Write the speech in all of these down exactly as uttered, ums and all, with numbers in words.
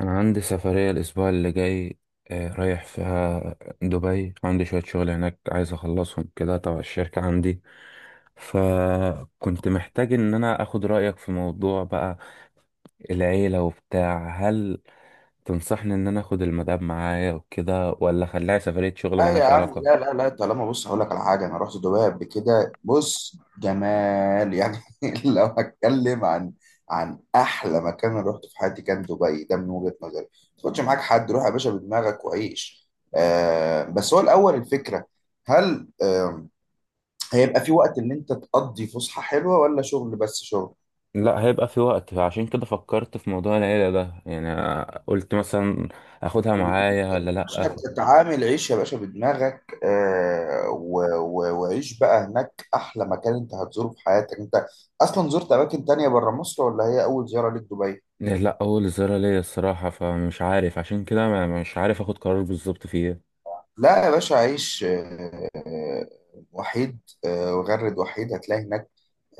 أنا عندي سفرية الأسبوع اللي جاي. آه، رايح فيها دبي. عندي شوية شغل هناك عايز أخلصهم كده تبع الشركة عندي، فكنت محتاج إن أنا أخد رأيك في موضوع بقى، العيلة وبتاع. هل تنصحني إن أنا أخد المدام معايا وكده، ولا أخليها سفرية شغل لا يا ملهاش عم، لا علاقة؟ لا لا. طالما، بص، هقول لك على حاجه. انا رحت دبي قبل كده. بص، جمال يعني. لو هتكلم عن عن احلى مكان انا رحت في حياتي، كان دبي. ده من وجهه نظري، ما تاخدش معاك حد. روح يا باشا بدماغك وعيش. آه بس هو الاول، الفكره، هل آه هيبقى في وقت ان انت تقضي فسحه حلوه، ولا شغل بس شغل؟ لا، هيبقى في وقت، عشان كده فكرت في موضوع العيلة ده. يعني قلت مثلا أخدها معايا ولا لأ. باشا تتعامل، عيش يا باشا بدماغك، آه و... و... وعيش بقى هناك. احلى مكان انت هتزوره في حياتك. انت اصلا زرت اماكن تانية بره مصر، ولا هي اول زيارة ليك دبي؟ إيه، لا اول زيارة ليا الصراحة، فمش عارف، عشان كده ما- مش عارف اخد قرار بالظبط فيها. لا يا باشا، عيش، آه وحيد. آه وغرد وحيد هتلاقي هناك.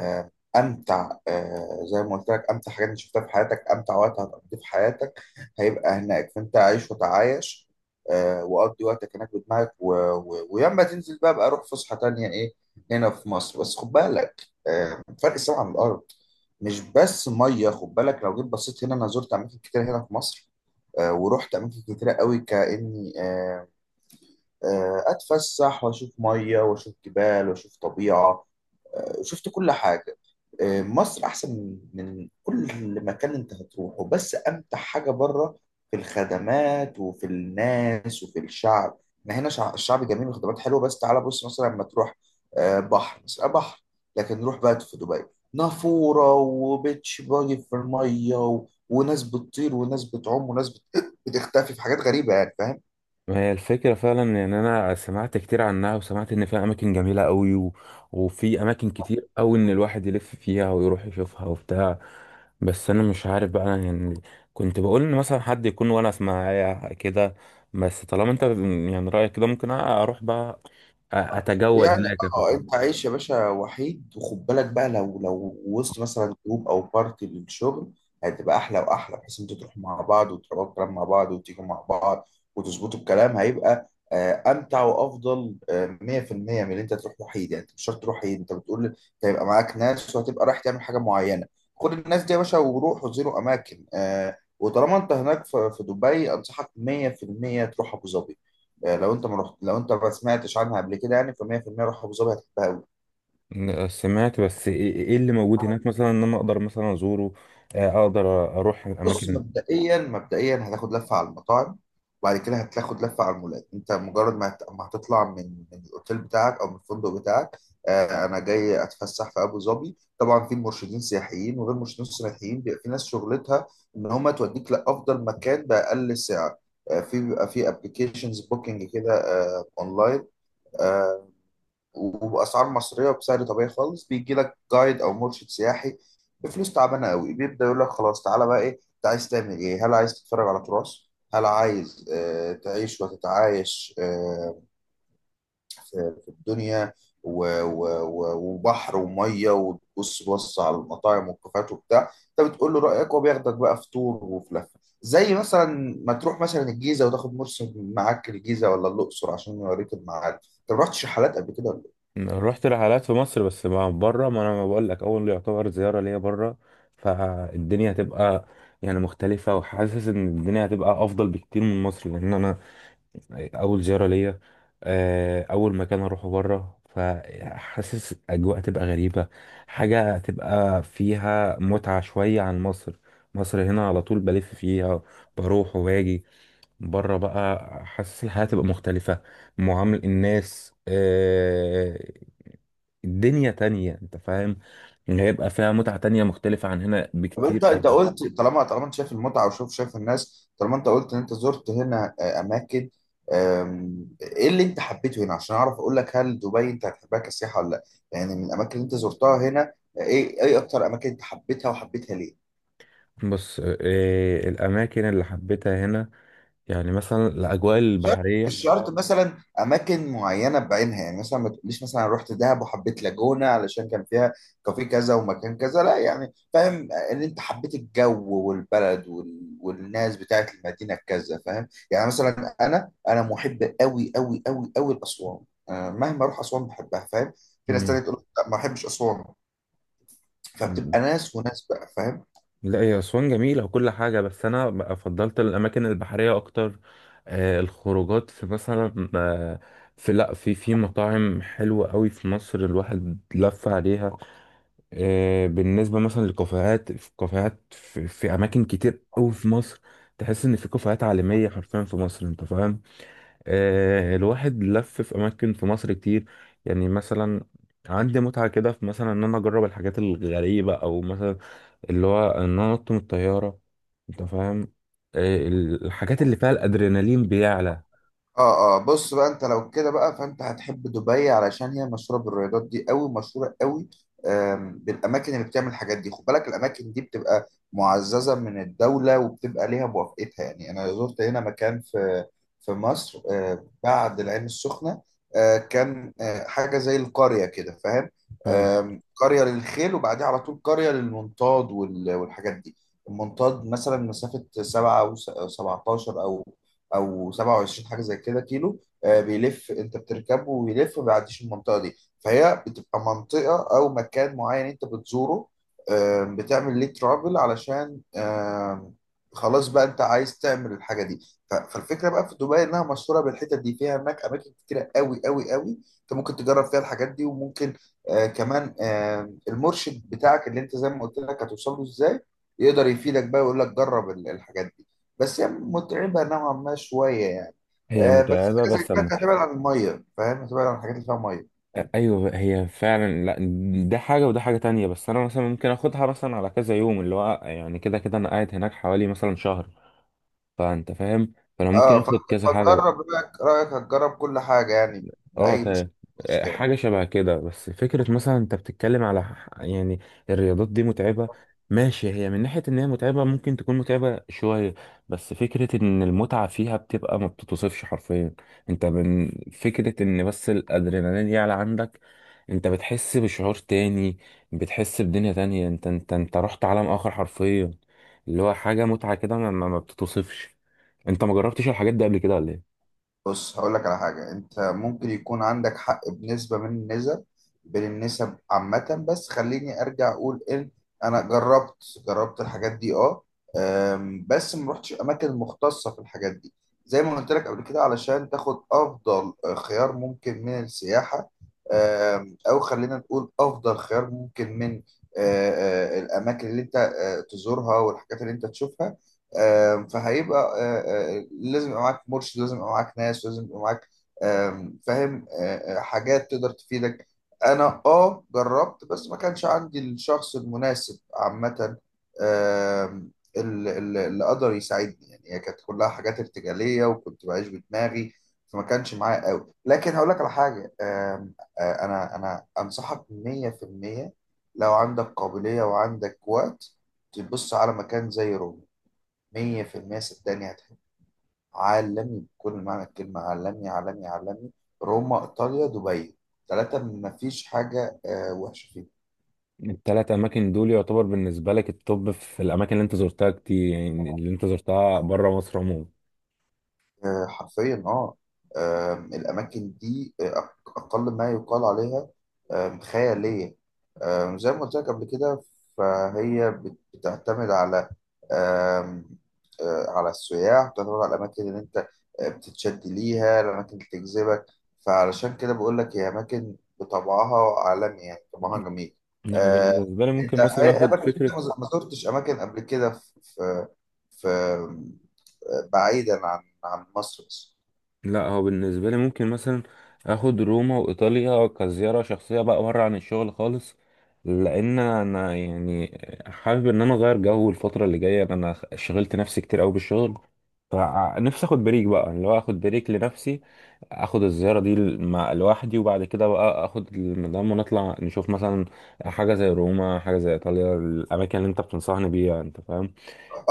آه، امتع، آه، زي ما قلت لك، امتع حاجات انت شفتها في حياتك. امتع وقت هتقضيه في حياتك هيبقى هناك، فانت عيش وتعايش. آه، وقضي وقتك هناك بدماغك، و... و... وياما تنزل بقى بقى روح فسحه تانية. ايه هنا في مصر؟ بس خد بالك، آه، فرق السما عن الارض. مش بس ميه، خد بالك. لو جيت بصيت هنا، انا زرت اماكن كتير هنا في مصر، آه، ورحت اماكن كتيره قوي، كاني آه، آه، اتفسح واشوف ميه واشوف جبال واشوف طبيعه. شفت كل حاجة. آه، مصر أحسن من كل مكان أنت هتروحه، بس أمتع حاجة بره في الخدمات وفي الناس وفي الشعب. إحنا هنا شع- الشعب جميل وخدمات حلوة، بس تعالى بص مثلا لما تروح، آه، بحر بس آه، بحر. لكن نروح بقى في دبي، نافورة وبيتش، باجي في المية، و... وناس بتطير وناس بتعوم وناس بت... بتختفي في حاجات غريبة، يعني فاهم. ما هي الفكرة فعلا ان انا سمعت كتير عنها، وسمعت ان فيها اماكن جميلة قوي، و... وفي اماكن كتير قوي ان الواحد يلف فيها ويروح يشوفها وبتاع. بس انا مش عارف بقى، أنا يعني كنت بقول ان مثلا حد يكون وانا معايا كده. بس طالما انت يعني رأيك كده، ممكن اروح بقى أ- اتجول يعني هناك. اه، انت عايش يا باشا وحيد. وخد بالك بقى، لو لو وسط مثلا جروب او بارتي للشغل، هتبقى احلى واحلى، بحيث انتوا تروحوا مع بعض وتقعدوا الكلام مع بعض وتيجوا مع بعض وتظبطوا الكلام. هيبقى آه، امتع وافضل، آه، مية في المية من اللي انت تروح وحيد. يعني انت مش شرط تروح وحيد، انت بتقول انت هيبقى معاك ناس، وهتبقى رايح تعمل حاجه معينه. خد الناس دي يا باشا وروح وزيروا اماكن. آه، وطالما انت هناك في في دبي، انصحك مية في المية تروح ابو ظبي. آه، لو انت ما رحت، لو انت ما سمعتش عنها قبل كده، يعني ف مية في المية روح ابو ظبي، هتحبها قوي. آه، سمعت. بس ايه إيه إيه اللي موجود هناك مثلا ان انا اقدر مثلا ازوره؟ آه، اقدر اروح بص، الاماكن. مبدئيا مبدئيا هتاخد لفه على المطاعم، وبعد كده هتاخد لفه على المولات. انت مجرد ما هت- ما هتطلع من من الاوتيل بتاعك او من الفندق بتاعك. آه، انا جاي اتفسح في ابو ظبي. طبعا في مرشدين سياحيين وغير مرشدين سياحيين، بيبقى في ناس شغلتها ان هم توديك لافضل مكان باقل سعر. آه، في بيبقى في ابلكيشنز بوكينج كده، آه، اونلاين، وباسعار مصريه وبسعر طبيعي خالص. بيجي لك جايد او مرشد سياحي بفلوس تعبانه قوي، بيبدا يقول لك خلاص، تعالى بقى، ايه انت عايز تعمل؟ ايه، هل عايز تتفرج على تراث؟ هل عايز آه تعيش وتتعايش آه في, في الدنيا؟ و و و وبحر وميه. وتبص بص على المطاعم والكافيهات وبتاع. انت بتقول له رايك، وبياخدك بقى في تور وفي لفه، زي مثلا ما تروح مثلا الجيزه، وتاخد مرشد معاك الجيزه ولا الاقصر، عشان يوريك المعارف. انت ما رحتش رحلات قبل كده؟ رحت رحلات في مصر بس ما بره، ما انا ما بقول لك اول يعتبر زياره ليا بره، فالدنيا هتبقى يعني مختلفه، وحاسس ان الدنيا هتبقى افضل بكتير من مصر، لان انا اول زياره ليا، آه، اول مكان اروحه بره. فحاسس اجواء تبقى غريبه، حاجه تبقى فيها متعه شويه عن مصر. مصر هنا على طول بلف فيها، بروح وباجي. بره بقى، حاسس الحياة تبقى مختلفة، معامل الناس، آه، الدنيا تانية انت فاهم. إن هيبقى فيها متعة تانية مختلفة عن هنا طب انت، بكتير انت أوي. قلت طالما، طالما انت شايف المتعه، وشوف، شايف الناس، طالما انت قلت ان انت زرت هنا آه، اماكن. آم، ايه اللي انت حبيته هنا، عشان اعرف اقول لك هل دبي انت هتحبها كسياحه ولا لا؟ يعني من الاماكن اللي انت زرتها هنا، آه، ايه، ايه اكتر اماكن انت حبيتها، وحبيتها ليه؟ بص، آه، الأماكن اللي حبيتها هنا يعني مثلا الأجواء شرط، مش البحرية. شرط مثلا اماكن معينه بعينها. يعني مثلا ما تقوليش مثلا أنا رحت دهب وحبيت لاجونا علشان كان فيها كافيه كذا ومكان كذا. لا يعني، فاهم ان انت حبيت الجو والبلد وال... والناس بتاعت المدينه كذا، فاهم. يعني مثلا انا، انا محب قوي قوي قوي قوي لاسوان. أنا مهما اروح اسوان بحبها، فاهم. في ناس مم. تانية تقول لك لا ما بحبش اسوان. فبتبقى ناس وناس بقى، فاهم. لا، هي أسوان جميلة وكل حاجة، بس أنا بقى فضلت الأماكن البحرية أكتر. آه، الخروجات في مثلا، آه، في لا في في مطاعم حلوة قوي في مصر الواحد لف عليها. آه، بالنسبة مثلا للكافيهات، في كافيهات في, في أماكن كتير أوي في مصر. تحس إن في كافيهات عالمية حرفيا في مصر، أنت فاهم. آه، الواحد لف في أماكن في مصر كتير. يعني مثلا عندي متعة كده في مثلا إن أنا أجرب الحاجات الغريبة، أو مثلا اللي هو إن أنا أنط من الطيارة، أنت فاهم. آه، الحاجات اللي فيها الأدرينالين بيعلى، اه اه، بص بقى، انت لو كده بقى، فانت هتحب دبي، علشان هي مشهوره بالرياضات دي قوي، مشهوره قوي. آم، بالاماكن اللي بتعمل الحاجات دي. خد بالك الاماكن دي بتبقى معززه من الدوله، وبتبقى ليها موافقتها. يعني انا زرت هنا مكان في في مصر، آه، بعد العين السخنه، آه، كان آه، حاجه زي القريه كده، فاهم. فاهم. آم، قريه للخيل، وبعديها على طول قريه للمنطاد وال- والحاجات دي. المنطاد مثلا مسافه سبعة و سبعتاشر او او سبعة وعشرين حاجه زي كده كيلو، آه، بيلف. انت بتركبه ويلف، ما بيعديش المنطقه دي. فهي بتبقى منطقه او مكان معين انت بتزوره. آم، بتعمل ليه ترافل، علشان آم، خلاص بقى انت عايز تعمل الحاجه دي. ف- فالفكره بقى في دبي، انها مشهوره بالحتت دي. فيها هناك اماكن كتيره قوي قوي قوي انت ممكن تجرب فيها الحاجات دي. وممكن آه، كمان، آم، المرشد بتاعك اللي انت زي ما قلت لك هتوصل له ازاي، يقدر يفيدك بقى، ويقول لك جرب ال- الحاجات دي. بس هي متعبة نوعا ما شوية يعني. هي آه بس متعبة حاجة زي بس، كده أنت هتبعد عن المية، فاهم، هتبعد عن الحاجات اللي فيها مية. ايوه، هي فعلا. لا، ده حاجه وده حاجه تانية، بس انا مثلا ممكن اخدها مثلا على كذا يوم، اللي هو يعني كده كده انا قاعد هناك حوالي مثلا شهر، فانت فاهم. فانا ممكن اه، اخد فت- كذا حاجه بقى. فتجرب رأيك، رأيك هتجرب كل حاجة يعني، اه، بأي مش- تمام. مشكلة. حاجة شبه كده، بس فكرة مثلا انت بتتكلم على ح- يعني الرياضات دي متعبة، ماشي، هي من ناحية ان هي متعبة ممكن تكون متعبة شوية، بس فكرة ان المتعة فيها بتبقى ما بتتوصفش حرفيا. انت من فكرة ان بس الادرينالين يعلى عندك، انت بتحس بشعور تاني، بتحس بدنيا تانية، انت انت انت رحت عالم اخر حرفيا، اللي هو حاجة متعة كده ما, ما ما بتتوصفش. انت ما جربتش الحاجات دي قبل كده ولا ايه؟ بص هقول لك على حاجة، انت ممكن يكون عندك حق بنسبة من النسب بين النسب عامة. بس خليني ارجع اقول ان، انا جربت، جربت الحاجات دي اه. أم، بس ما رحتش اماكن مختصة في الحاجات دي، زي ما قلت لك قبل كده، علشان تاخد افضل خيار ممكن من السياحة. أم، او خلينا نقول افضل خيار ممكن من آه، آه، الاماكن اللي انت آه، تزورها، والحاجات اللي انت تشوفها. آم، فهيبقى آه، آه، لازم يبقى معاك مرشد، لازم يبقى معاك ناس، لازم يبقى معاك آم، فاهم، آه، آه، حاجات تقدر تفيدك. انا اه جربت، بس ما كانش عندي الشخص المناسب عامة، آم، ال- ال- اللي قدر يساعدني. يعني هي كانت كلها حاجات ارتجالية، وكنت بعيش بدماغي، فما كانش معايا قوي. لكن هقول لك على حاجة، آم، آه، انا، انا انصحك مية في المية، لو عندك قابلية وعندك وقت، تبص على مكان زي روما. مية في المية صدقني هتحب. عالمي بكل معنى الكلمة، عالمي عالمي عالمي. روما، إيطاليا، دبي، ثلاثة مفيش حاجة آه، وحشة فيهم. الثلاث اماكن دول يعتبر بالنسبه لك التوب في الاماكن اللي انت زرتها كتير، يعني اللي انت زرتها بره مصر عموما. آه، حرفيا اه. آم، الاماكن دي آه، اقل ما يقال عليها آم، خياليه. آم، زي ما قلت لك قبل كده. فهي بت- بتعتمد على آم، آه، على السياح، بتعتمد على الاماكن اللي انت آه، بتتشد ليها، الاماكن اللي تجذبك. فعلشان كده بقول لك هي اماكن بطبعها عالمي، يعني طبعها جميل. انا آه، بالنسبه لي انت ممكن ايه، مثلا إيه اخد اماكن انت فكره. ما زرتش اماكن قبل كده في في في بعيدا عن عن مصر بس؟ لا، هو بالنسبة لي ممكن مثلا اخد روما وايطاليا كزيارة شخصية بقى بره عن الشغل خالص، لان انا يعني حابب ان انا اغير جو. الفترة اللي جاية انا شغلت نفسي كتير قوي بالشغل، فنفسي اخد بريك بقى، اللي هو اخد بريك لنفسي، اخد الزيارة دي مع لوحدي، وبعد كده بقى اخد المدام ونطلع نشوف مثلا حاجة زي روما، حاجة زي ايطاليا، الاماكن اللي انت بتنصحني بيها، انت فاهم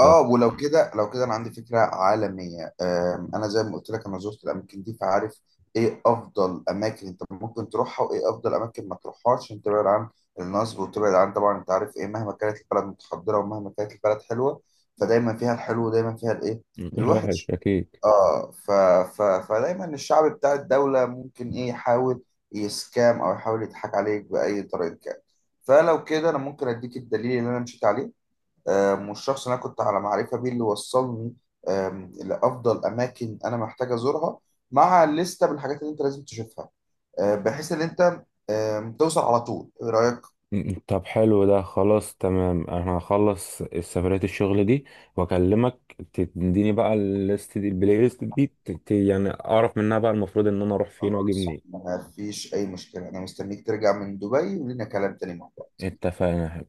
ده. ولو كده، لو كده انا عندي فكره عالميه. آم، انا زي ما قلت لك انا زرت الاماكن دي، فعارف ايه افضل اماكن انت ممكن تروحها، وايه افضل اماكن ما تروحهاش، عشان تبعد عن النصب، وتبعد عن، طبعا انت عارف، ايه مهما كانت البلد متحضره، ومهما كانت البلد حلوه، فدايما فيها الحلو، ودايما فيها الايه، الواحد الوحش. اكيد. اه ف... ف... فدايما الشعب بتاع الدولة ممكن ايه، يحاول يسكام او يحاول يضحك عليك بأي طريقة كان. فلو كده انا ممكن اديك الدليل اللي انا مشيت عليه، آم، والشخص اللي انا كنت على معرفة بيه اللي وصلني آم، لافضل اماكن انا محتاج ازورها، مع لستة بالحاجات اللي انت لازم تشوفها، آه، بحيث ان انت آم، توصل على طول. ايه رأيك؟ م- طب حلو، ده خلاص تمام. انا هخلص السفرية الشغل دي واكلمك، تديني بقى الليست دي، البلاي ليست دي، ت- ت- يعني اعرف منها بقى المفروض ان انا اروح فين واجي خلاص، منين. ما فيش اي مشكلة. انا مستنيك ترجع من دبي، ولينا كلام تاني مع بعض. اتفقنا.